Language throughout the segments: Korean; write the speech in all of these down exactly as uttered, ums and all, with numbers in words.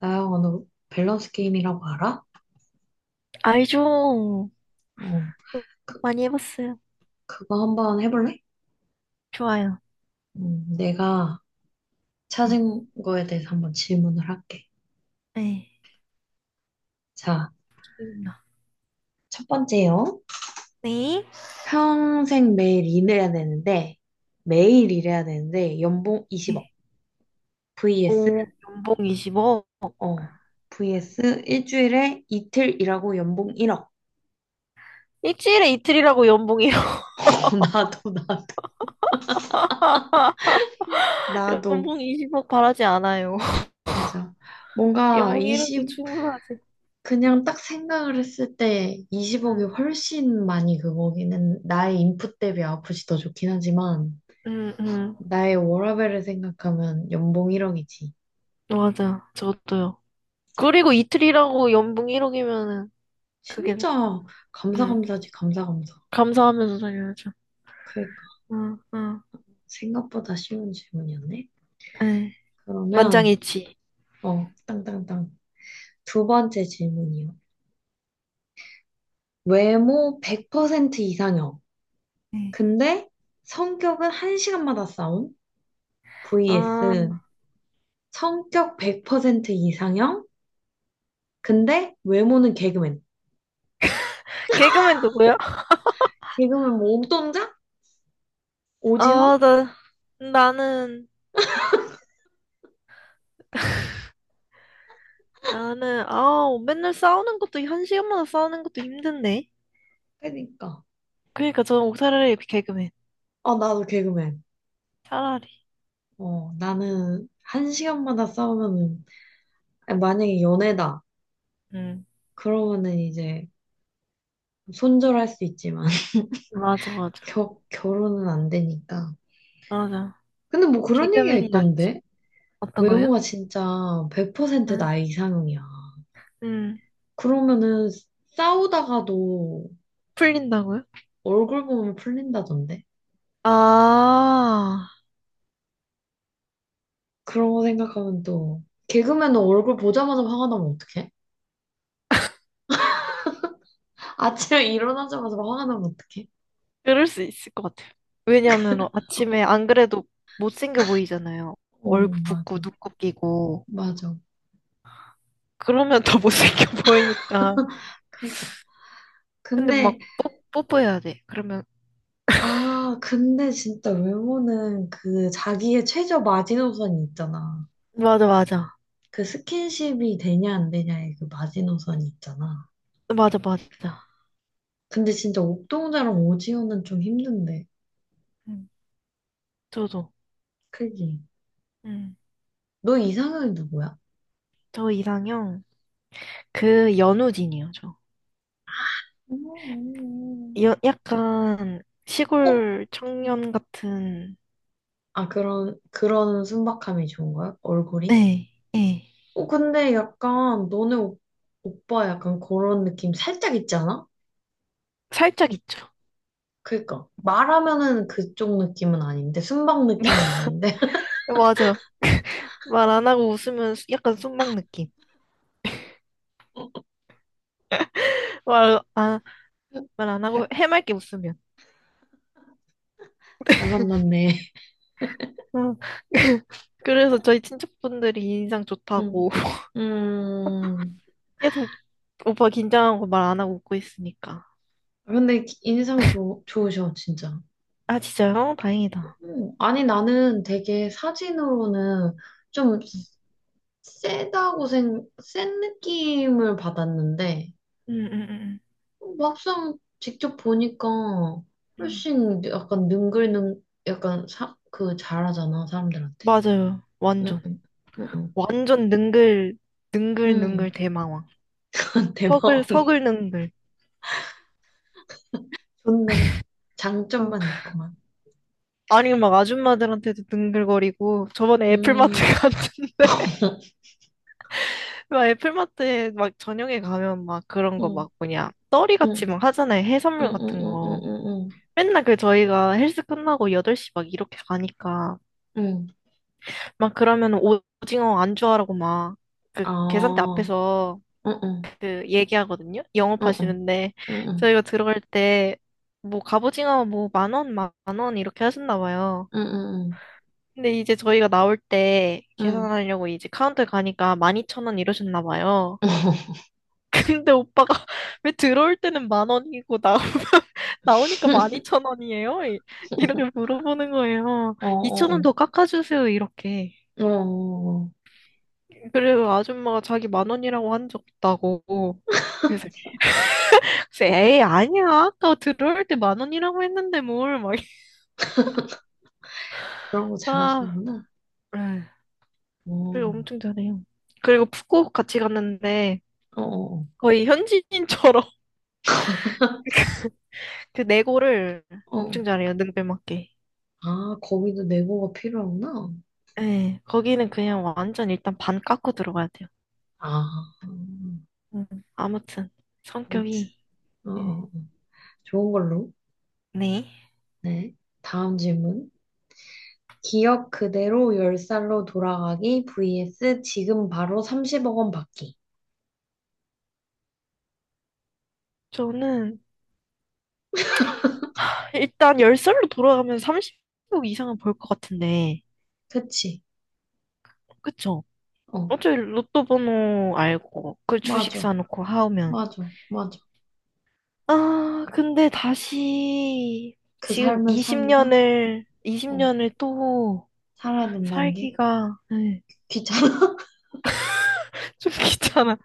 나영아, 너 밸런스 게임이라고 알아? 알죠. 어, 그, 많이 해봤어요. 그거 한번 해볼래? 좋아요. 음, 내가 네. 찾은 거에 대해서 한번 질문을 할게. 네. 자, 기대된다. 첫 번째요. 네. 평생 매일 일해야 되는데, 매일 일해야 되는데, 연봉 이십억. 네. vs, 오, 연봉 이십 억. 어, vs 일주일에 이틀 일하고 연봉 일억. 일주일에 이틀이라고 연봉이요. 어, 나도, 나도, 나도. 연봉 이십 억 바라지 않아요. 맞아. 뭔가 연봉 일 억도 20, 충분하지. 그냥 딱 생각을 했을 때 이십억이 응, 훨씬 많이 그거기는 나의 인풋 대비 아프지 더 좋긴 하지만 응, 응. 나의 워라밸을 생각하면 연봉 일억이지. 맞아. 저도요. 그리고 이틀이라고 연봉 일 억이면은, 그게, 진짜 응, 감사감사지 감사감사. 감사하면서 살려야죠. 그러니까 응, 응. 생각보다 쉬운 질문이었네. 네. 그러면 만장일치. 어 땅땅땅 두 번째 질문이요. 외모 백 퍼센트 이상형. 네. 근데 성격은 한시간마다 싸움. 아, vs 성격 백 퍼센트 이상형. 근데 외모는 개그맨. 개그맨 누구야? 개그맨 뭐 옥동자? 오지헌? 아, 나, 나는, 나는 아우 맨날 싸우는 것도 한 시간마다 싸우는 것도 힘든데. 그러니까. 그러니까 저는 옥살라리 개그맨 아 나도 개그맨. 차라리. 어 나는 한 시간마다 싸우면은 아니, 만약에 연애다 응, 그러면은 이제 손절할 수 있지만 맞아, 맞아, 겨, 결혼은 안 되니까. 맞아, 근데 뭐 그런 얘기가 개그맨이 낫지. 있던데 어떤 거요? 외모가 진짜 백 퍼센트 응, 나의 이상형이야. 응. 그러면은 싸우다가도 풀린다고요? 얼굴 보면 풀린다던데. 아, 그런 거 생각하면 또 개그맨은 얼굴 보자마자 화가 나면 어떡해? 아침에 일어나자마자 막 화가 나면 어떡해? 그럴 수 있을 것 같아요. 왜냐하면 아침에 안 그래도 못생겨 보이잖아요. 오, 얼굴 붓고 맞아. 눈곱 끼고 맞아. 그러면 더 못생겨 보이니까. 그러니까. 근데 근데, 막 뽀, 뽀뽀해야 돼. 그러면 아, 근데 진짜 외모는 그 자기의 최저 마지노선이 있잖아. 맞아, 맞아, 그 스킨십이 되냐 안 되냐의 그 마지노선이 있잖아. 맞아, 맞아. 근데 진짜 옥동자랑 오지호는 좀 힘든데. 응, 저도. 그지? 음, 너 이상형이 누구야? 저 이상형, 그 연우진이요, 저. 음, 음, 여, 약간 음. 어? 시골 청년 같은, 아, 그런, 그런 순박함이 좋은 거야? 얼굴이? 네, 네. 어, 근데 약간 너네 오, 오빠 약간 그런 느낌 살짝 있지 않아? 살짝 있죠. 그니까 말하면은 그쪽 느낌은 아닌데 순방 느낌은 아닌데 맞아. 말 안 하고 웃으면 수- 약간 순막 느낌. 말, 아, 말 안 하고 잘, 해맑게 웃으면. 잘 만났네. 어. 그래서 저희 친척분들이 인상 음, 좋다고. 음. 계속 오빠 긴장하고 말 안 하고 웃고 있으니까. 근데 인상 좋, 좋으셔 진짜. 아, 진짜요? 다행이다. 음, 아니 나는 되게 사진으로는 좀 음, 세다고 생, 센 느낌을 받았는데 음, 음, 음. 막상 직접 보니까 음. 훨씬 약간 능글능, 약간 사, 그 잘하잖아, 사람들한테. 맞아요. 응, 완전. 응, 응, 완전 능글, 응. 능글능글 응. 대망왕. 서글, 대박이야. 서글능글. 좋네. 어. 장점만 있구만. 아니, 막 아줌마들한테도 능글거리고, 저번에 애플마트 음, 갔는데, 막 애플마트에 막 저녁에 가면 막 그런 거 응, 막 뭐냐, 떠리같이 응, 막 하잖아요. 응, 해산물 응, 같은 응, 응, 거. 응, 응. 맨날 그 저희가 헬스 끝나고 여덟 시 막 이렇게 가니까, 응. 응. 막 그러면 오징어 안주하라고 막, 그 계산대 아, 앞에서 응, 응, 그 얘기하거든요. 응, 응, 영업하시는데 응, 저희가 들어갈 때 뭐 갑오징어 뭐 만 원, 만 원 이렇게 하셨나 봐요. 응, 응, 근데 이제 저희가 나올 때 응, 응. 계산하려고 이제 카운터 가니까 만 이천 원 이러셨나 봐요. 근데 오빠가 왜 들어올 때는 만 원이고 나 나오니까 만 이천 원이에요? 이렇게 물어보는 거예요. 어, 이천 원 어, 더 깎아주세요, 이렇게. 어, 어, 어, 어. 그래서 아줌마가 자기 만 원이라고 한 적 없다고. 그래서 에이, 아니야. 아까 들어올 때 만 원이라고 했는데 뭘, 막. 그런 거 아, 잘하시는구나. 에이, 어, 그리고 엄청 잘해요. 그리고 푸꾸옥 같이 갔는데 어, 어, 거의 현지인처럼 그 내고를 어. 엄청 잘해요. 능배맞게. 아, 거기도 네고가 필요하구나. 예, 거기는 그냥 완전 일단 반 깎고 들어가야 돼요. 아, 음, 음, 아무튼 성격이 어, 예. 어, 좋은 걸로. 네. 네. 다음 질문. 기억 그대로 열 살로 돌아가기 vs 지금 바로 삼십억 원 받기. 저는 일단 열 살로 돌아가면 삼십 억 이상은 벌 것 같은데, 그치? 그쵸? 어, 어차피 로또 번호 알고, 그 주식 맞아. 사놓고 하면 맞아. 맞아. 아, 근데 다시 그 지금 삶을 사기가? 20년을, 어, 20년을 또 살아야 된다는 게 살기가 네, 귀찮아. 좀 귀찮아.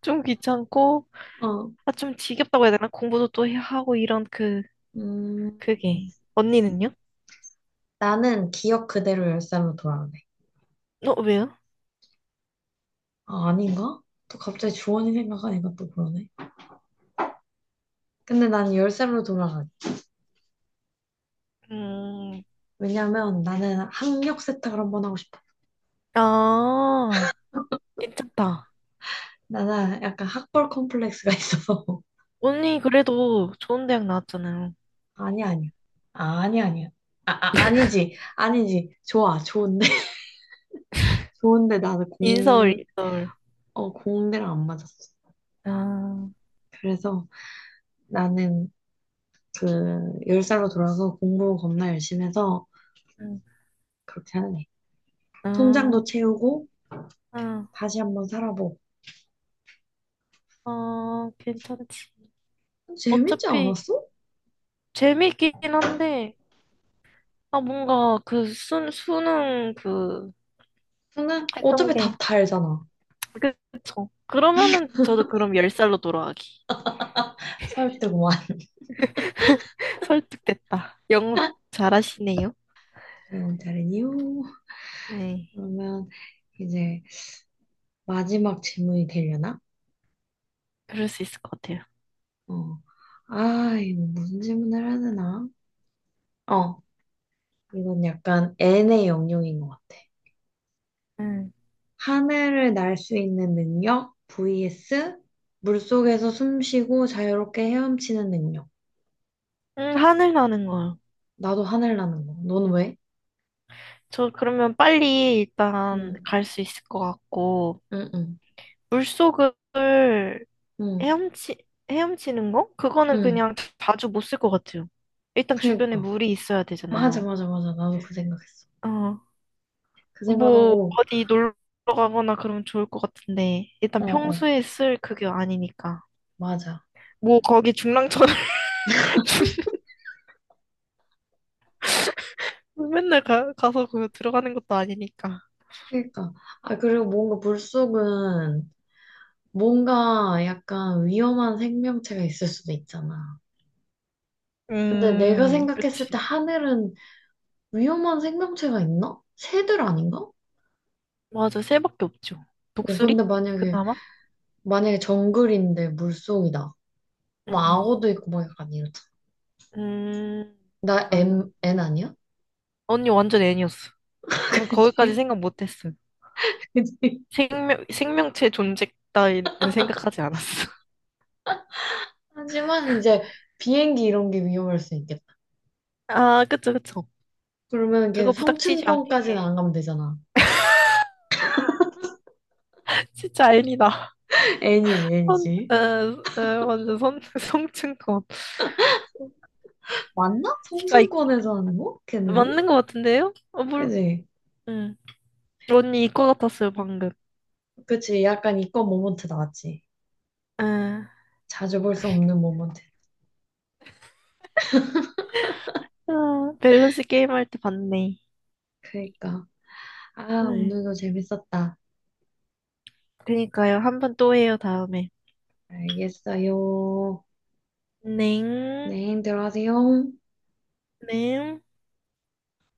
좀 귀찮고, 어, 아, 좀 지겹다고 해야 되나? 공부도 또 해야 하고 이런 그, 음, 그게. 언니는요? 나는 기억 그대로 열 살로 돌아가네. 어, 왜요? 아, 아닌가? 또 갑자기 주원이 생각하니까 또 그러네. 근데 난 열 살로 돌아가. 음, 왜냐면 나는 학력 세탁을 한 번 하고 싶어. 아, 괜찮다. 나는 약간 학벌 컴플렉스가 있어서. 언니 그래도 좋은 대학 나왔잖아요. 아니, 아니야. 아, 아니, 아니야. 아, 아, 아니지. 아니지. 좋아. 좋은데. 좋은데 나는 인서울, 공, 인서울. 어, 공대랑 안 맞았어. 아, 그래서 나는 그, 열 살로 돌아서 공부 겁나 열심히 해서 응, 그렇게 하는 애. 통장도 아, 채우고 아, 다시 한 번 살아보고. 아, 괜찮지. 재밌지 어차피, 않았어? 재밌긴 한데, 아, 뭔가 그 수, 수능 그 근데 했던 어차피 게, 답 다 알잖아. 그- 쵸 그러면은 저도 그럼 열 살로 돌아가기. 설득만. 설득됐다. 영업 잘하시네요. 여러분, 다른 이유. 네, 그러면 이제 마지막 질문이 되려나? 그럴 수 있을 것 같아요. 어. 아, 이거 무슨 질문을 해야 되나? 어, 이건 약간 N의 영역인 것 같아. 음, 하늘을 날 수 있는 능력 vs 물속에서 숨 쉬고 자유롭게 헤엄치는 능력. 음, 하늘 나는 거요. 나도 하늘 나는 거. 넌 왜? 저 그러면 빨리 일단 응, 갈 수 있을 것 같고, 응, 응, 물속을 응, 헤엄치, 헤엄치는 거? 그거는 응. 그냥 자주 못 쓸 것 같아요. 일단 주변에 그니까. 물이 있어야 맞아, 되잖아요. 맞아, 맞아. 나도 그 생각했어. 어, 그 뭐 생각하고, 어디 놀러 가거나 그러면 좋을 것 같은데 어, 일단 어, 평소에 쓸 그게 아니니까 맞아. 뭐 거기 중랑천 중- 맨날 가, 가서 그 들어가는 것도 아니니까. 그니까. 아, 그리고 뭔가 물속은 뭔가 약간 위험한 생명체가 있을 수도 있잖아. 근데 내가 음, 생각했을 때 그치. 하늘은 위험한 생명체가 있나? 새들 아닌가? 맞아, 새밖에 없죠. 어, 근데 독수리 만약에, 그나마. 만약에 정글인데 물속이다. 뭐 음, 악어도 있고 막 약간 이러잖아. 음 나 맞아. M, N 아니야? 언니 완전 애니였어. 전 거기까지 그치? 생각 못했어요. 그치? 생명 생명체 존재 따위는 생각하지 않았어. 하지만 이제 비행기 이런 게 위험할 수 있겠다. 아, 그쵸, 그쵸. 그러면 이게 그거 부닥치지 성층권까지는 않게. 안 가면 되잖아. 진짜 애니다. N이지, 선, N이지. 에, 에, 완전 선, 성층권. 맞나? 이과 이- 성층권에서 하는 거? 걔네들? 맞는 것 같은데요? 어, 물, 그지? 응. 언니 이과 같았어요, 방금. 그치, 약간 이건 모먼트 나왔지. 에, 자주 볼 수 없는 모먼트. 아, 밸런스 게임 할 때 봤네. 그러니까. 아, 에, 오늘도 재밌었다. 그니까요. 한번 또 해요, 다음에. 알겠어요. 넹, 네, 들어가세요. 넹.